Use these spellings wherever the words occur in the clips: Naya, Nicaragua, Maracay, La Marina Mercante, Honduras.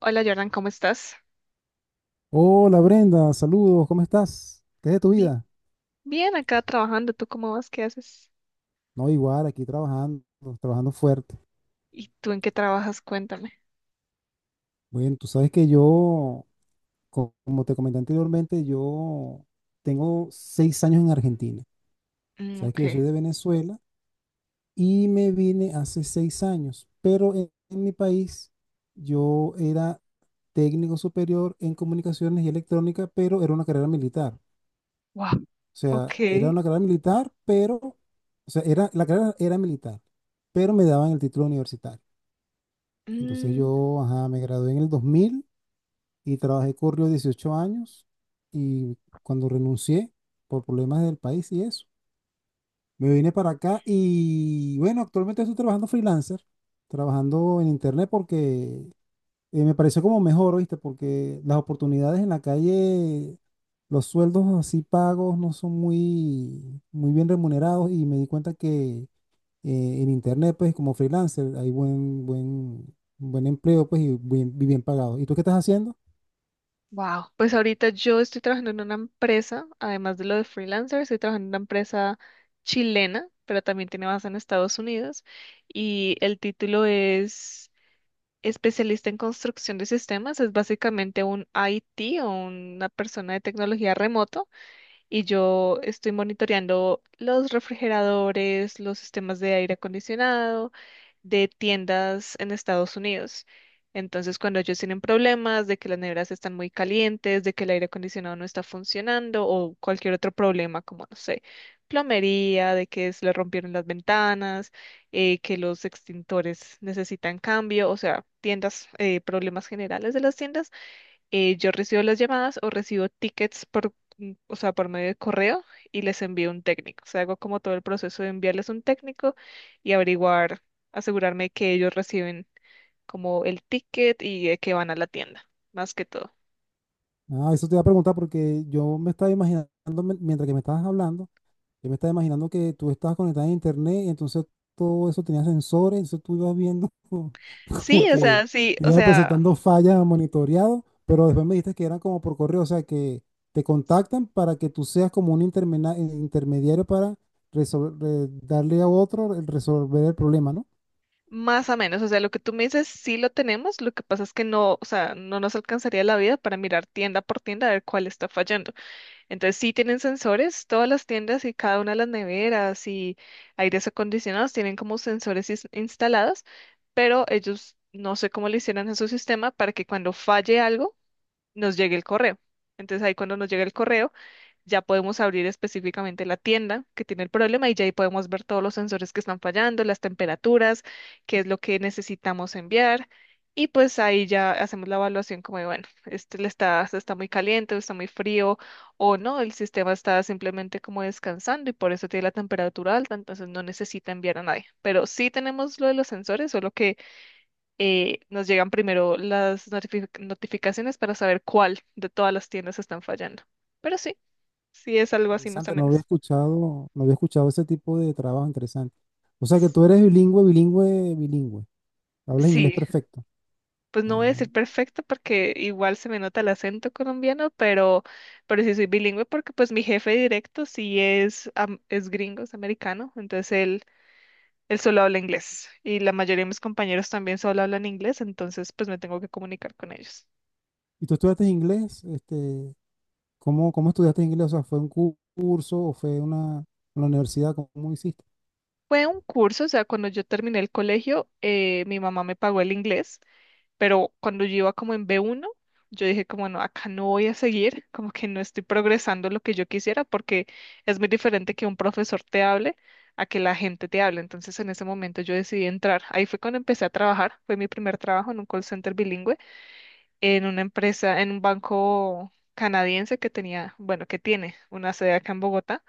Hola Jordan, ¿cómo estás? Hola Brenda, saludos, ¿cómo estás? ¿Qué es de tu Bien, vida? bien, acá trabajando. ¿Tú cómo vas? ¿Qué haces? No, igual, aquí trabajando, trabajando fuerte. ¿Y tú en qué trabajas? Cuéntame. Bueno, tú sabes que yo, como te comenté anteriormente, yo tengo 6 años en Argentina. Mm, Sabes que ok. yo soy de Venezuela y me vine hace 6 años, pero en mi país yo era técnico superior en comunicaciones y electrónica, pero era una carrera militar. Wow, O sea, era ok. una carrera militar, pero, o sea, la carrera era militar, pero me daban el título universitario. Entonces Mm. yo, ajá, me gradué en el 2000 y trabajé corrió 18 años y cuando renuncié por problemas del país y eso, me vine para acá y bueno, actualmente estoy trabajando freelancer, trabajando en internet porque me pareció como mejor, ¿viste? Porque las oportunidades en la calle, los sueldos así pagos no son muy, muy bien remunerados y me di cuenta que en internet, pues como freelancer, hay buen, buen, buen empleo, pues y bien pagado. ¿Y tú qué estás haciendo? Wow, pues ahorita yo estoy trabajando en una empresa, además de lo de freelancer, estoy trabajando en una empresa chilena, pero también tiene base en Estados Unidos y el título es especialista en construcción de sistemas, es básicamente un IT o una persona de tecnología remoto, y yo estoy monitoreando los refrigeradores, los sistemas de aire acondicionado de tiendas en Estados Unidos. Entonces, cuando ellos tienen problemas de que las neveras están muy calientes, de que el aire acondicionado no está funcionando o cualquier otro problema, como no sé, plomería, de que se le rompieron las ventanas, que los extintores necesitan cambio, o sea, tiendas, problemas generales de las tiendas, yo recibo las llamadas o recibo tickets por, o sea, por medio de correo, y les envío un técnico. O sea, hago como todo el proceso de enviarles un técnico y averiguar, asegurarme que ellos reciben como el ticket y de que van a la tienda, más que todo. Ah, eso te iba a preguntar porque yo me estaba imaginando, mientras que me estabas hablando, yo me estaba imaginando que tú estabas conectada a internet y entonces todo eso tenía sensores, entonces tú ibas viendo como que Sí, te o iba sea, presentando fallas monitoreado, pero después me dijiste que eran como por correo, o sea, que te contactan para que tú seas como un intermediario para darle a otro, el resolver el problema, ¿no? más o menos, o sea, lo que tú me dices sí lo tenemos, lo que pasa es que no, o sea, no nos alcanzaría la vida para mirar tienda por tienda a ver cuál está fallando. Entonces sí tienen sensores, todas las tiendas y cada una de las neveras y aires acondicionados tienen como sensores instalados, pero ellos no sé cómo le hicieron a su sistema para que cuando falle algo nos llegue el correo. Entonces ahí cuando nos llega el correo ya podemos abrir específicamente la tienda que tiene el problema y ya ahí podemos ver todos los sensores que están fallando, las temperaturas, qué es lo que necesitamos enviar. Y pues ahí ya hacemos la evaluación como de, bueno, este le está, está muy caliente, o está muy frío, o no, el sistema está simplemente como descansando y por eso tiene la temperatura alta, entonces no necesita enviar a nadie. Pero sí tenemos lo de los sensores, solo que nos llegan primero las notificaciones para saber cuál de todas las tiendas están fallando. Pero sí. Sí, es algo así más o Interesante, no había menos. escuchado, no había escuchado ese tipo de trabajo interesante. O sea que S- tú eres bilingüe, bilingüe, bilingüe. Hablas inglés Sí, perfecto. pues no voy a Ah, decir perfecto porque igual se me nota el acento colombiano, pero sí soy bilingüe porque pues mi jefe directo sí es, es gringo, es americano, entonces él solo habla inglés y la mayoría de mis compañeros también solo hablan inglés, entonces pues me tengo que comunicar con ellos. ¿y tú estudiaste inglés? Este, ¿cómo estudiaste inglés? O sea, ¿fue un curso o fue una, en la universidad? ¿Cómo hiciste? Fue un curso, o sea, cuando yo terminé el colegio, mi mamá me pagó el inglés, pero cuando yo iba como en B1, yo dije como no, acá no voy a seguir, como que no estoy progresando lo que yo quisiera porque es muy diferente que un profesor te hable a que la gente te hable. Entonces en ese momento yo decidí entrar. Ahí fue cuando empecé a trabajar, fue mi primer trabajo en un call center bilingüe, en una empresa, en un banco canadiense que tenía, bueno, que tiene una sede acá en Bogotá.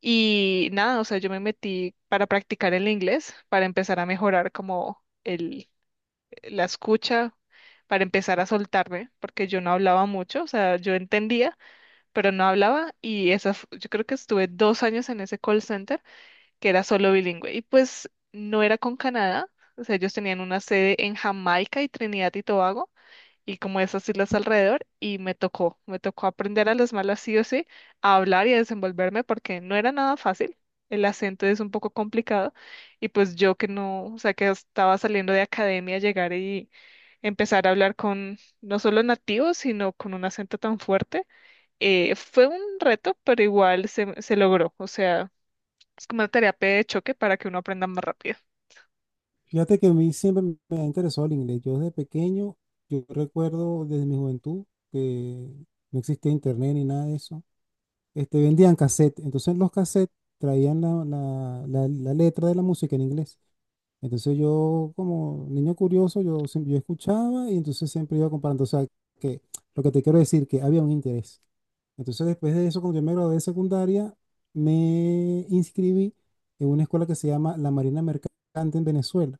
Y nada, o sea, yo me metí para practicar el inglés, para empezar a mejorar como la escucha, para empezar a soltarme, porque yo no hablaba mucho, o sea, yo entendía, pero no hablaba, y esa, yo creo que estuve dos años en ese call center que era solo bilingüe, y pues no era con Canadá, o sea, ellos tenían una sede en Jamaica y Trinidad y Tobago y como esas islas alrededor, y me tocó aprender a las malas sí o sí, a hablar y a desenvolverme porque no era nada fácil, el acento es un poco complicado y pues yo que no, o sea que estaba saliendo de academia, llegar y empezar a hablar con no solo nativos, sino con un acento tan fuerte, fue un reto, pero igual se, se logró, o sea, es como una terapia de choque para que uno aprenda más rápido. Fíjate que a mí siempre me ha interesado el inglés. Yo desde pequeño, yo recuerdo desde mi juventud que no existía internet ni nada de eso. Este, vendían cassette. Entonces los cassettes traían la letra de la música en inglés. Entonces yo como niño curioso, yo, yo escuchaba y entonces siempre iba comparando. O sea, que lo que te quiero decir, que había un interés. Entonces después de eso, cuando yo me gradué de secundaria, me inscribí en una escuela que se llama La Marina Mercante en Venezuela.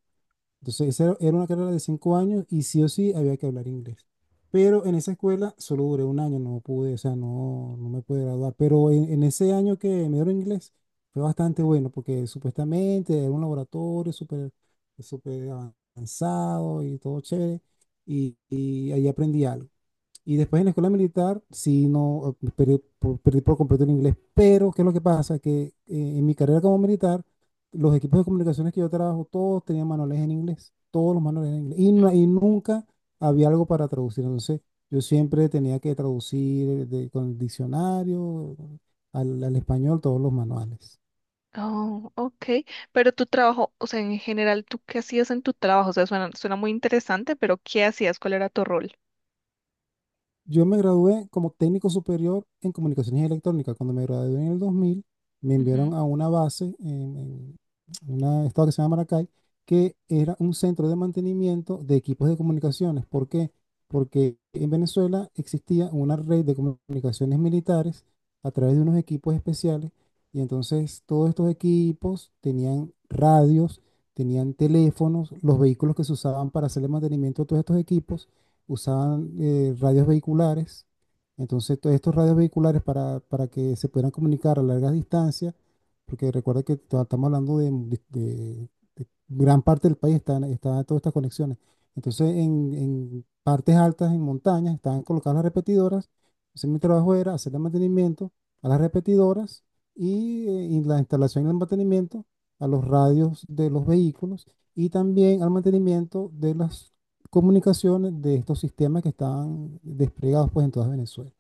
Entonces, esa era una carrera de 5 años y sí o sí había que hablar inglés. Pero en esa escuela solo duré un año, no pude, o sea, no, no me pude graduar. Pero en ese año que me dieron inglés fue bastante bueno porque supuestamente era un laboratorio súper súper avanzado y todo chévere. Y ahí aprendí algo. Y después en la escuela militar, sí, no, perdí por completo el inglés. Pero, ¿qué es lo que pasa? Que en mi carrera como militar, los equipos de comunicaciones que yo trabajo, todos tenían manuales en inglés. Todos los manuales en inglés. Y nunca había algo para traducir. Entonces, yo siempre tenía que traducir con el diccionario al español todos los manuales. Oh, ok. Pero tu trabajo, o sea, en general, ¿tú qué hacías en tu trabajo? O sea, suena, suena muy interesante, pero ¿qué hacías? ¿Cuál era tu rol? Yo me gradué como técnico superior en comunicaciones electrónicas. Cuando me gradué en el 2000, me enviaron Ujú. a una base en un estado que se llama Maracay, que era un centro de mantenimiento de equipos de comunicaciones. ¿Por qué? Porque en Venezuela existía una red de comunicaciones militares a través de unos equipos especiales y entonces todos estos equipos tenían radios, tenían teléfonos, los vehículos que se usaban para hacer el mantenimiento de todos estos equipos usaban radios vehiculares. Entonces, todos estos radios vehiculares para que se pudieran comunicar a largas distancias, porque recuerda que estamos hablando de gran parte del país, están todas estas conexiones. Entonces, en partes altas, en montañas, estaban colocadas las repetidoras. Entonces, mi trabajo era hacer el mantenimiento a las repetidoras y la instalación y el mantenimiento a los radios de los vehículos y también al mantenimiento de las comunicaciones de estos sistemas que estaban desplegados pues en toda Venezuela.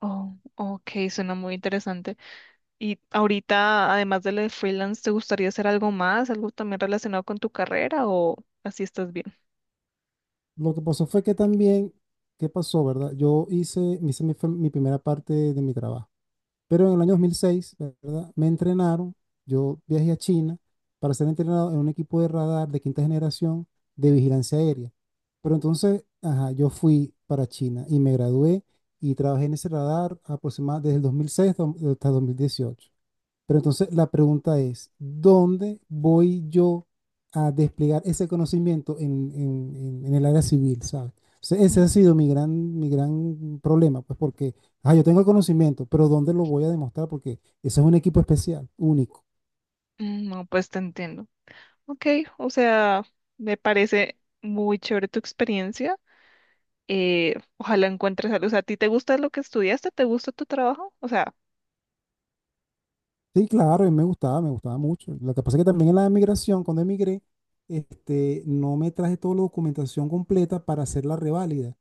Oh, ok, suena muy interesante. Y ahorita, además de lo de freelance, ¿te gustaría hacer algo más? ¿Algo también relacionado con tu carrera o así estás bien? Lo que pasó fue que también, ¿qué pasó, verdad? Yo hice, me hice mi, fue mi primera parte de mi trabajo, pero en el año 2006, ¿verdad? Me entrenaron, yo viajé a China para ser entrenado en un equipo de radar de quinta generación de vigilancia aérea. Pero entonces, ajá, yo fui para China y me gradué y trabajé en ese radar aproximadamente desde el 2006 hasta 2018. Pero entonces la pregunta es, ¿dónde voy yo a desplegar ese conocimiento en, en el área civil, ¿sabes? Ese ha Mm. sido mi gran problema, pues porque, ah, yo tengo el conocimiento, pero ¿dónde lo voy a demostrar? Porque eso es un equipo especial, único. Mm, no, pues te entiendo. Ok, o sea, me parece muy chévere tu experiencia. Ojalá encuentres algo. O sea, ¿a ti te gusta lo que estudiaste? ¿Te gusta tu trabajo? O sea, Sí, claro, y me gustaba mucho. Lo que pasa es que también en la emigración, cuando emigré, este, no me traje toda la documentación completa para hacer la reválida.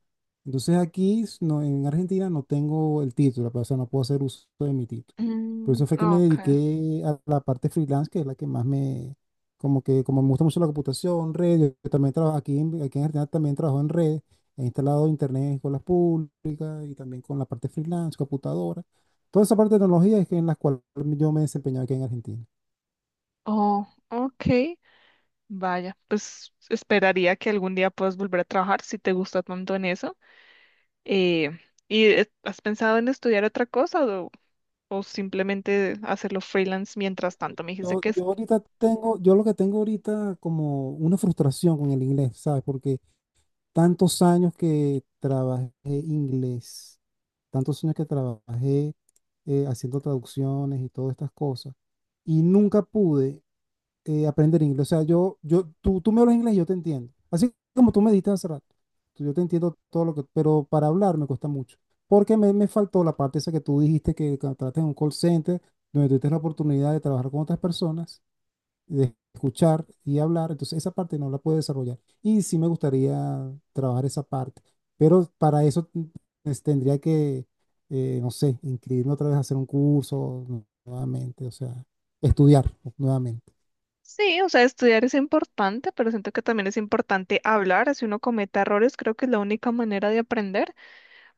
Entonces aquí, no, en Argentina, no tengo el título, pues, o sea, no puedo hacer uso de mi título. Por mm, eso fue que me okay. dediqué a la parte freelance, que es la que más me, como que, como me gusta mucho la computación, redes, yo también trabajo aquí, aquí en Argentina también trabajo en redes, he instalado internet en escuelas públicas y también con la parte freelance, computadora. Toda esa parte de tecnología es que en la cual yo me desempeñaba aquí en Argentina. Oh, okay. Vaya, pues esperaría que algún día puedas volver a trabajar si te gusta tanto en eso. Eh, ¿Y has pensado en estudiar otra cosa o simplemente hacerlo freelance mientras tanto? Me dijiste Yo, que yo ahorita tengo, yo lo que tengo ahorita como una frustración con el inglés, ¿sabes? Porque tantos años que trabajé inglés, tantos años que trabajé haciendo traducciones y todas estas cosas, y nunca pude aprender inglés. O sea, tú me hablas inglés y yo te entiendo. Así como tú me diste hace rato. Yo te entiendo todo lo que, pero para hablar me cuesta mucho. Porque me faltó la parte esa que tú dijiste que tratas en un call center, donde tuviste la oportunidad de trabajar con otras personas, de escuchar y hablar. Entonces, esa parte no la puedo desarrollar. Y sí me gustaría trabajar esa parte. Pero para eso tendría que, no sé, inscribirme otra vez a hacer un curso nuevamente, o sea, estudiar nuevamente. sí, o sea, estudiar es importante, pero siento que también es importante hablar. Si uno comete errores, creo que es la única manera de aprender.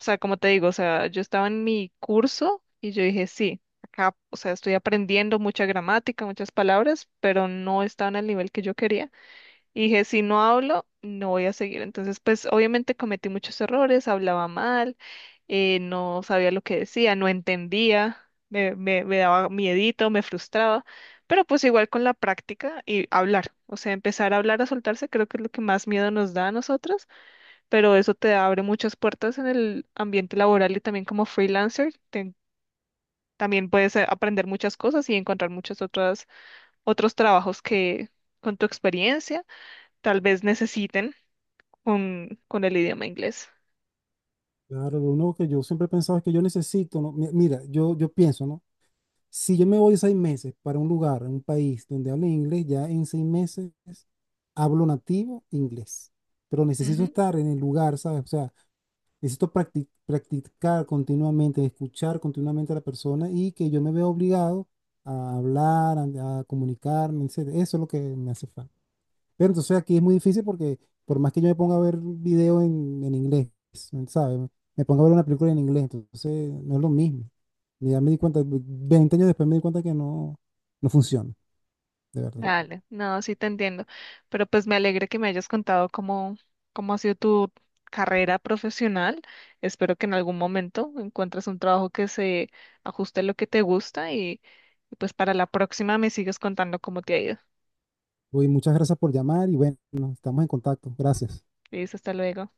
O sea, como te digo, o sea, yo estaba en mi curso y yo dije, sí, acá, o sea, estoy aprendiendo mucha gramática, muchas palabras, pero no estaba en el nivel que yo quería. Y dije, si no hablo, no voy a seguir. Entonces, pues obviamente cometí muchos errores, hablaba mal, no sabía lo que decía, no entendía, me daba miedito, me frustraba, pero pues igual con la práctica y hablar, o sea, empezar a hablar, a soltarse, creo que es lo que más miedo nos da a nosotros, pero eso te abre muchas puertas en el ambiente laboral y también como freelancer, también puedes aprender muchas cosas y encontrar muchos otros, otros trabajos que con tu experiencia tal vez necesiten con el idioma inglés. Claro, lo único que yo siempre he pensado es que yo necesito, ¿no? Mira, yo pienso, ¿no? Si yo me voy 6 meses para un lugar, un país donde hable inglés, ya en 6 meses hablo nativo inglés. Pero necesito Ujú. estar en el lugar, ¿sabes? O sea, necesito practicar continuamente, escuchar continuamente a la persona y que yo me vea obligado a hablar, a comunicarme, etcétera. Eso es lo que me hace falta. Pero entonces aquí es muy difícil porque por más que yo me ponga a ver video en inglés, ¿sabes? Me pongo a ver una película en inglés, entonces no es lo mismo. Y ya me di cuenta, 20 años después me di cuenta que no, no funciona, de verdad. Dale, no, sí te entiendo, pero pues me alegra que me hayas contado cómo, cómo ha sido tu carrera profesional. Espero que en algún momento encuentres un trabajo que se ajuste a lo que te gusta y pues para la próxima me sigues contando cómo te ha ido. Oye, muchas gracias por llamar y bueno, estamos en contacto. Gracias. Listo, hasta luego.